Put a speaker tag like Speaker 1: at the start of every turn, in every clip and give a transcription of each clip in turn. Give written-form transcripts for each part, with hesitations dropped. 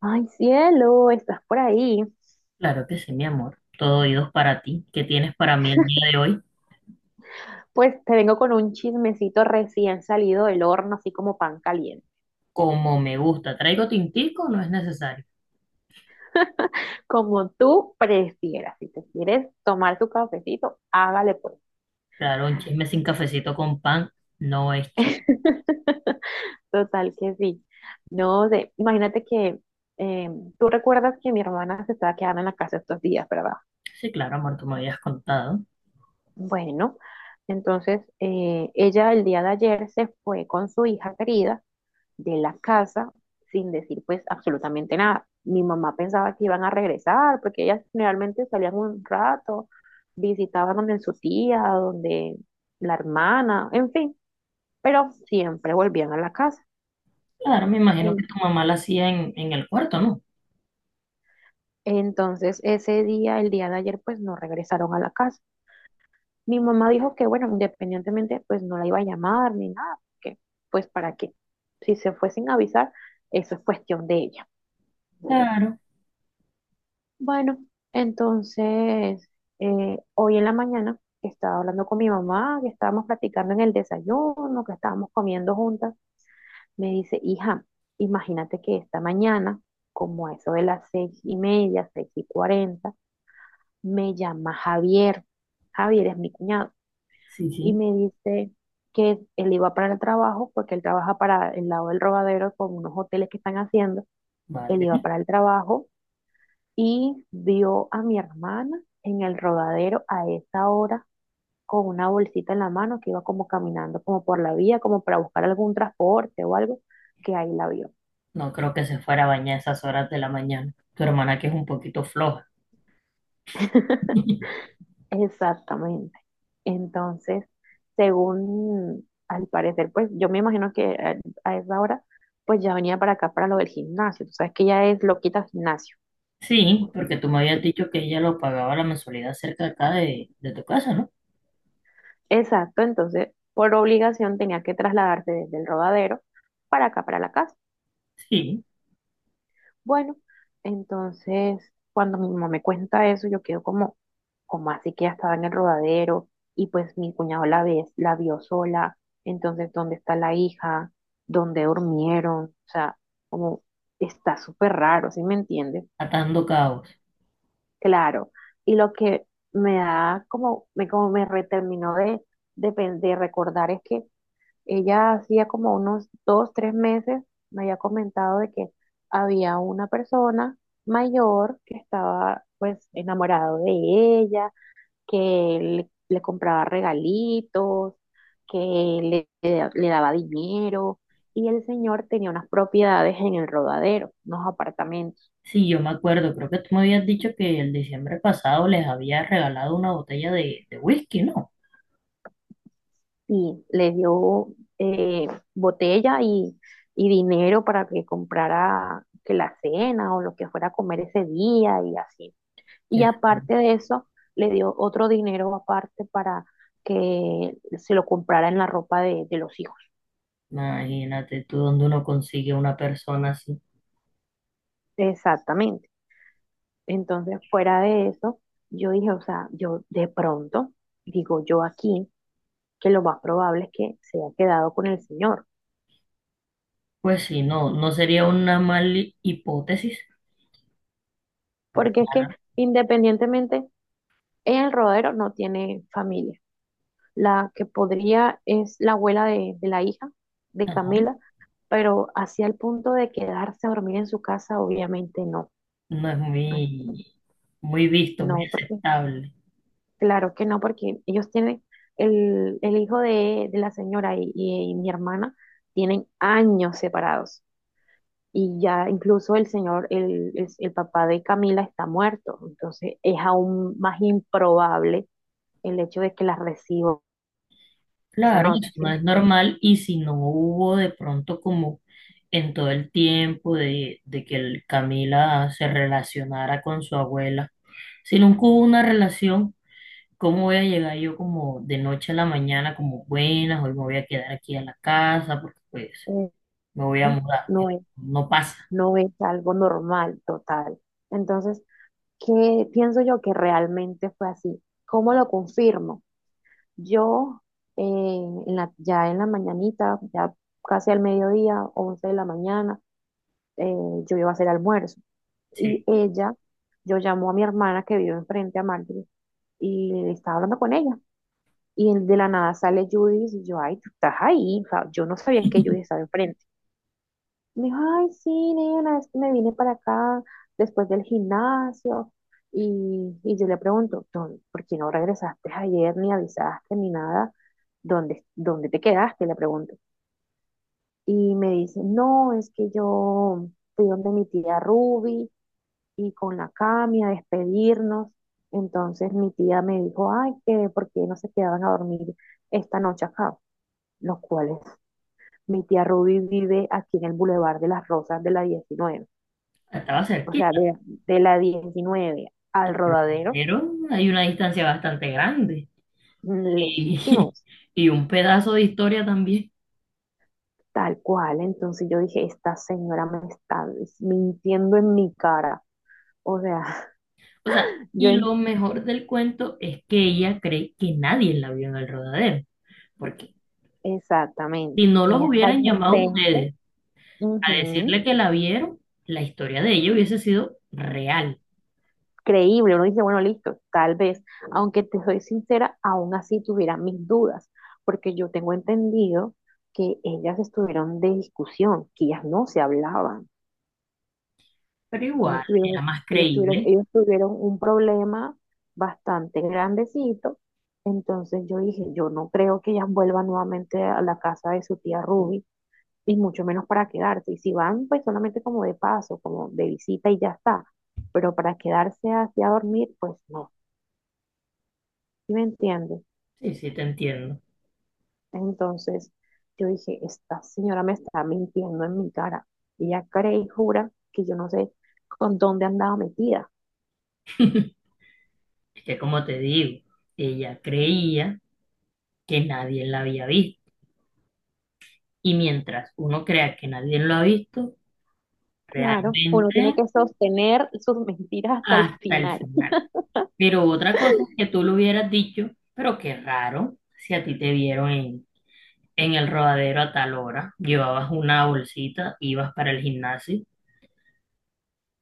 Speaker 1: Ay, cielo, estás por ahí.
Speaker 2: Claro que sí, mi amor. Todo oídos para ti. ¿Qué tienes para mí el día de hoy?
Speaker 1: Pues te vengo con un chismecito recién salido del horno, así como pan caliente.
Speaker 2: Como me gusta. ¿Traigo tintico? No es necesario.
Speaker 1: Como tú prefieras. Si te quieres tomar tu cafecito, hágale pues.
Speaker 2: Claro, un chisme sin cafecito con pan no es chisme.
Speaker 1: Total que sí. No sé, imagínate que eh, tú recuerdas que mi hermana se estaba quedando en la casa estos días, ¿verdad?
Speaker 2: Sí, claro, amor, tú me habías contado.
Speaker 1: Bueno, entonces ella el día de ayer se fue con su hija querida de la casa sin decir pues absolutamente nada. Mi mamá pensaba que iban a regresar porque ellas generalmente salían un rato, visitaban donde su tía, donde la hermana, en fin, pero siempre volvían a la casa.
Speaker 2: Claro, me imagino
Speaker 1: En-
Speaker 2: que tu mamá la hacía en el cuarto, ¿no?
Speaker 1: entonces ese día, el día de ayer, pues no regresaron a la casa. Mi mamá dijo que bueno, independientemente pues no la iba a llamar ni nada, porque pues para qué. Si se fue sin avisar, eso es cuestión de ella.
Speaker 2: Claro,
Speaker 1: Bueno, entonces, hoy en la mañana estaba hablando con mi mamá, que estábamos platicando en el desayuno, que estábamos comiendo juntas, me dice, hija, imagínate que esta mañana, como a eso de las 6:30, 6:40, me llama Javier. Javier es mi cuñado.
Speaker 2: sí,
Speaker 1: Y
Speaker 2: sí.
Speaker 1: me dice que él iba para el trabajo, porque él trabaja para el lado del Rodadero con unos hoteles que están haciendo. Él
Speaker 2: Vale.
Speaker 1: iba para el trabajo y vio a mi hermana en el rodadero a esa hora con una bolsita en la mano que iba como caminando como por la vía, como para buscar algún transporte o algo, que ahí la vio.
Speaker 2: No creo que se fuera a bañar a esas horas de la mañana. Tu hermana que es un poquito floja.
Speaker 1: Exactamente. Entonces, según al parecer, pues yo me imagino que a esa hora, pues ya venía para acá para lo del gimnasio. Tú sabes que ella es loquita al gimnasio.
Speaker 2: Sí, porque tú me habías dicho que ella lo pagaba la mensualidad cerca acá de tu casa, ¿no?
Speaker 1: Exacto, entonces por obligación tenía que trasladarse desde el rodadero para acá, para la casa.
Speaker 2: Sí,
Speaker 1: Bueno, entonces cuando mi mamá me cuenta eso, yo quedo como, como así que ya estaba en el rodadero y pues mi cuñado la ve, la vio sola, entonces ¿dónde está la hija? ¿Dónde durmieron? O sea, como está súper raro, ¿sí me entiendes?
Speaker 2: atando cabos.
Speaker 1: Claro. Y lo que me da como, como me reterminó de, de recordar es que ella hacía como unos dos, tres meses me había comentado de que había una persona mayor que estaba pues enamorado de ella, que le compraba regalitos, que le daba dinero y el señor tenía unas propiedades en el Rodadero, unos apartamentos
Speaker 2: Sí, yo me acuerdo, creo que tú me habías dicho que el diciembre pasado les había regalado una botella de whisky, ¿no?
Speaker 1: y le dio eh, botella y dinero para que comprara que la cena o lo que fuera a comer ese día y así. Y
Speaker 2: Que-
Speaker 1: aparte de eso, le dio otro dinero aparte para que se lo comprara en la ropa de los hijos.
Speaker 2: Imagínate tú dónde uno consigue una persona así.
Speaker 1: Exactamente. Entonces, fuera de eso, yo dije, o sea, yo de pronto, digo yo aquí, que lo más probable es que se haya quedado con el señor,
Speaker 2: Pues sí, no, no sería una mala hipótesis, porque
Speaker 1: porque es que independientemente, ella en el rodero no tiene familia. La que podría es la abuela de la hija, de
Speaker 2: no,
Speaker 1: Camila, pero hacia el punto de quedarse a dormir en su casa, obviamente no.
Speaker 2: no es
Speaker 1: Ay,
Speaker 2: muy, muy visto, muy
Speaker 1: no, porque,
Speaker 2: aceptable.
Speaker 1: claro que no, porque ellos tienen, el hijo de la señora y mi hermana tienen años separados. Y ya incluso el señor, el papá de Camila está muerto. Entonces es aún más improbable el hecho de que la reciba esa
Speaker 2: Claro, eso
Speaker 1: noche, ¿sí me
Speaker 2: no es
Speaker 1: entiendes?
Speaker 2: normal y si no hubo de pronto como en todo el tiempo de que el Camila se relacionara con su abuela, si nunca hubo una relación. ¿Cómo voy a llegar yo como de noche a la mañana, como buenas, hoy me voy a quedar aquí a la casa porque pues
Speaker 1: Eh,
Speaker 2: me voy a mudar?
Speaker 1: no es,
Speaker 2: No pasa.
Speaker 1: no es algo normal, total. Entonces, ¿qué pienso yo que realmente fue así? ¿Cómo lo confirmo? Yo eh, ya en la mañanita, ya casi al mediodía, 11 de la mañana, eh, yo iba a hacer almuerzo. Y
Speaker 2: Sí,
Speaker 1: ella, yo llamo a mi hermana que vive enfrente a Marjorie y estaba hablando con ella. Y de la nada sale Judith y yo, ay, tú estás ahí. O sea, yo no sabía que Judith estaba enfrente. Me dijo, ay, sí, nena, es que me vine para acá después del gimnasio. Y yo le pregunto, "Don, ¿por qué no regresaste ayer, ni avisaste, ni nada? ¿Dónde te quedaste? Le pregunto. Y me dice, no, es que yo fui donde mi tía Ruby y con la Cami a despedirnos. Entonces mi tía me dijo, ay, que por qué no se quedaban a dormir esta noche acá, los cuales mi tía Ruby vive aquí en el Boulevard de las Rosas de la 19.
Speaker 2: estaba
Speaker 1: O sea,
Speaker 2: cerquita,
Speaker 1: de la 19 al
Speaker 2: pero
Speaker 1: rodadero,
Speaker 2: primero hay una distancia bastante grande y,
Speaker 1: lejísimos,
Speaker 2: y un pedazo de historia también.
Speaker 1: tal cual. Entonces yo dije, esta señora me está mintiendo en mi cara. O sea,
Speaker 2: O sea,
Speaker 1: yo
Speaker 2: y
Speaker 1: en-
Speaker 2: lo mejor del cuento es que ella cree que nadie la vio en el rodadero, porque si
Speaker 1: exactamente.
Speaker 2: no los
Speaker 1: Ella está
Speaker 2: hubieran llamado
Speaker 1: inocente,
Speaker 2: ustedes a decirle
Speaker 1: ujú,
Speaker 2: que la vieron, la historia de ella hubiese sido real,
Speaker 1: creíble. Uno dice, bueno, listo, tal vez. Aunque te soy sincera, aún así tuviera mis dudas, porque yo tengo entendido que ellas estuvieron de discusión, que ellas no se hablaban.
Speaker 2: pero
Speaker 1: Ellos
Speaker 2: igual
Speaker 1: tuvieron,
Speaker 2: era más
Speaker 1: ellos tuvieron,
Speaker 2: creíble.
Speaker 1: ellos tuvieron un problema bastante grandecito. Entonces yo dije, yo no creo que ellas vuelvan nuevamente a la casa de su tía Ruby, y mucho menos para quedarse. Y si van, pues solamente como de paso, como de visita y ya está. Pero para quedarse así a dormir, pues no. ¿Sí me entiendes?
Speaker 2: Sí, sí, te entiendo.
Speaker 1: Entonces yo dije, esta señora me está mintiendo en mi cara. Ella cree y jura que yo no sé con dónde andaba metida.
Speaker 2: Es que como te digo, ella creía que nadie la había visto. Y mientras uno crea que nadie lo ha visto,
Speaker 1: Claro, uno tiene
Speaker 2: realmente
Speaker 1: que sostener sus mentiras hasta el
Speaker 2: hasta el
Speaker 1: final.
Speaker 2: final. Pero otra cosa es que tú lo hubieras dicho, pero qué raro si a ti te vieron en el rodadero a tal hora, llevabas una bolsita, ibas para el gimnasio,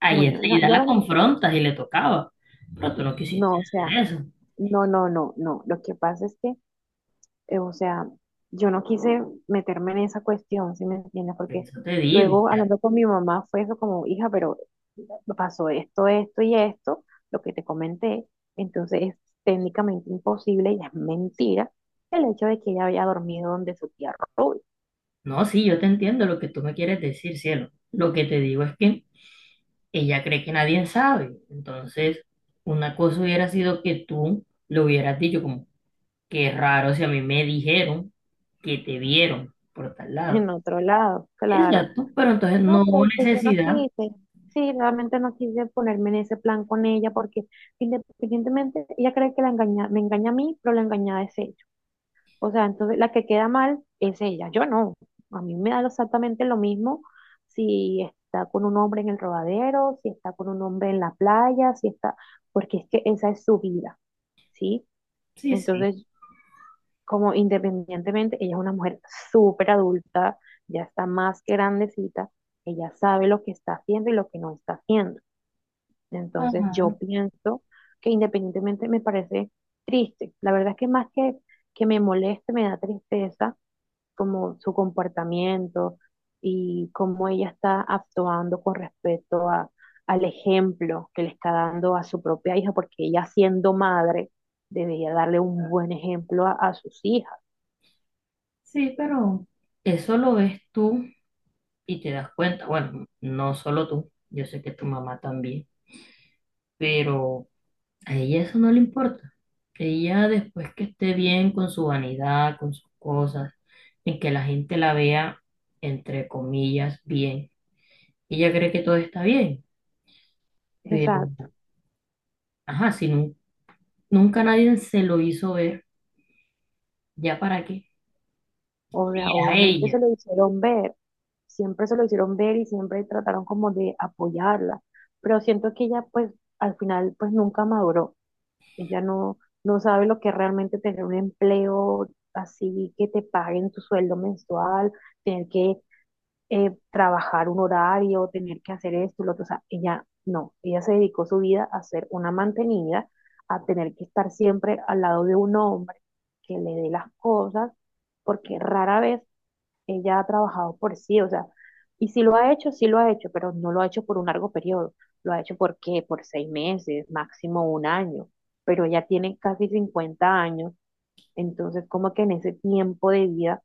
Speaker 2: ahí
Speaker 1: Bueno, no,
Speaker 2: enseguida
Speaker 1: yo
Speaker 2: la
Speaker 1: realmente,
Speaker 2: confrontas y le tocaba. Pero tú no quisiste
Speaker 1: no, o sea,
Speaker 2: hacer eso.
Speaker 1: no, no, no, no. Lo que pasa es que, o sea, yo no quise meterme en esa cuestión, ¿si me entiendes?
Speaker 2: Por
Speaker 1: Porque
Speaker 2: eso te digo.
Speaker 1: luego hablando con mi mamá fue eso como, hija, pero pasó esto, esto y esto, lo que te comenté, entonces es técnicamente imposible y es mentira el hecho de que ella había dormido donde su tía Ruby,
Speaker 2: No, sí, yo te entiendo lo que tú me quieres decir, cielo. Lo que te digo es que ella cree que nadie sabe. Entonces, una cosa hubiera sido que tú le hubieras dicho como, qué raro si a mí me dijeron que te vieron por tal
Speaker 1: en
Speaker 2: lado.
Speaker 1: otro lado, claro.
Speaker 2: Exacto, pero entonces
Speaker 1: No,
Speaker 2: no
Speaker 1: pero
Speaker 2: hubo
Speaker 1: pues yo no
Speaker 2: necesidad.
Speaker 1: quise. Sí, realmente no quise ponerme en ese plan con ella porque independientemente, ella cree que la engaña, me engaña a mí, pero la engañada es ella. O sea, entonces la que queda mal es ella, yo no. A mí me da exactamente lo mismo si está con un hombre en el rodadero, si está con un hombre en la playa, si está, porque es que esa es su vida, ¿sí?
Speaker 2: Sí, sí.
Speaker 1: Entonces como independientemente, ella es una mujer súper adulta, ya está más que grandecita, ella sabe lo que está haciendo y lo que no está haciendo. Entonces
Speaker 2: Ajá,
Speaker 1: yo pienso que independientemente me parece triste. La verdad es que más que, me moleste, me da tristeza como su comportamiento y cómo ella está actuando con respecto a, al ejemplo que le está dando a su propia hija, porque ella siendo madre debería darle un buen ejemplo a sus hijas.
Speaker 2: sí, pero eso lo ves tú y te das cuenta. Bueno, no solo tú, yo sé que tu mamá también, pero... A ella eso no le importa. Ella después que esté bien con su vanidad, con sus cosas, en que la gente la vea, entre comillas, bien. Ella cree que todo está bien, pero,
Speaker 1: Exacto.
Speaker 2: ajá, nunca nadie se lo hizo ver, ¿ya para qué?
Speaker 1: O sea,
Speaker 2: Y a
Speaker 1: obviamente se
Speaker 2: ella,
Speaker 1: lo hicieron ver, siempre se lo hicieron ver y siempre trataron como de apoyarla, pero siento que ella pues al final pues nunca maduró. Ella no, no sabe lo que es realmente tener un empleo así que te paguen tu sueldo mensual, tener que trabajar un horario, tener que hacer esto, lo otro. O sea, ella no, ella se dedicó su vida a ser una mantenida, a tener que estar siempre al lado de un hombre que le dé las cosas, porque rara vez ella ha trabajado por sí, o sea, y si lo ha hecho, sí lo ha hecho, pero no lo ha hecho por un largo periodo, lo ha hecho por qué, por 6 meses, máximo un año, pero ella tiene casi 50 años, entonces como que en ese tiempo de vida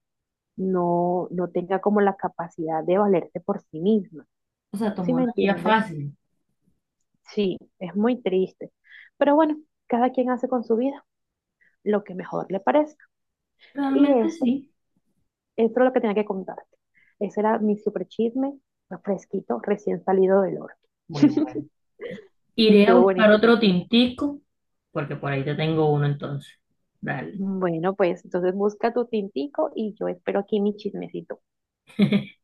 Speaker 1: no, no tenga como la capacidad de valerse por sí misma.
Speaker 2: o sea,
Speaker 1: ¿Sí
Speaker 2: tomó
Speaker 1: me
Speaker 2: la vía
Speaker 1: entiendes?
Speaker 2: fácil.
Speaker 1: Sí, es muy triste. Pero bueno, cada quien hace con su vida lo que mejor le parece. Y
Speaker 2: Realmente
Speaker 1: eso,
Speaker 2: sí,
Speaker 1: eso es lo que tenía que contarte. Ese era mi super chisme, fresquito, recién salido del horno.
Speaker 2: muy bueno. Iré a
Speaker 1: Estuvo
Speaker 2: buscar
Speaker 1: buenísimo.
Speaker 2: otro tintico, porque por ahí te tengo uno entonces. Dale.
Speaker 1: Bueno, pues entonces busca tu tintico y yo espero aquí mi chismecito.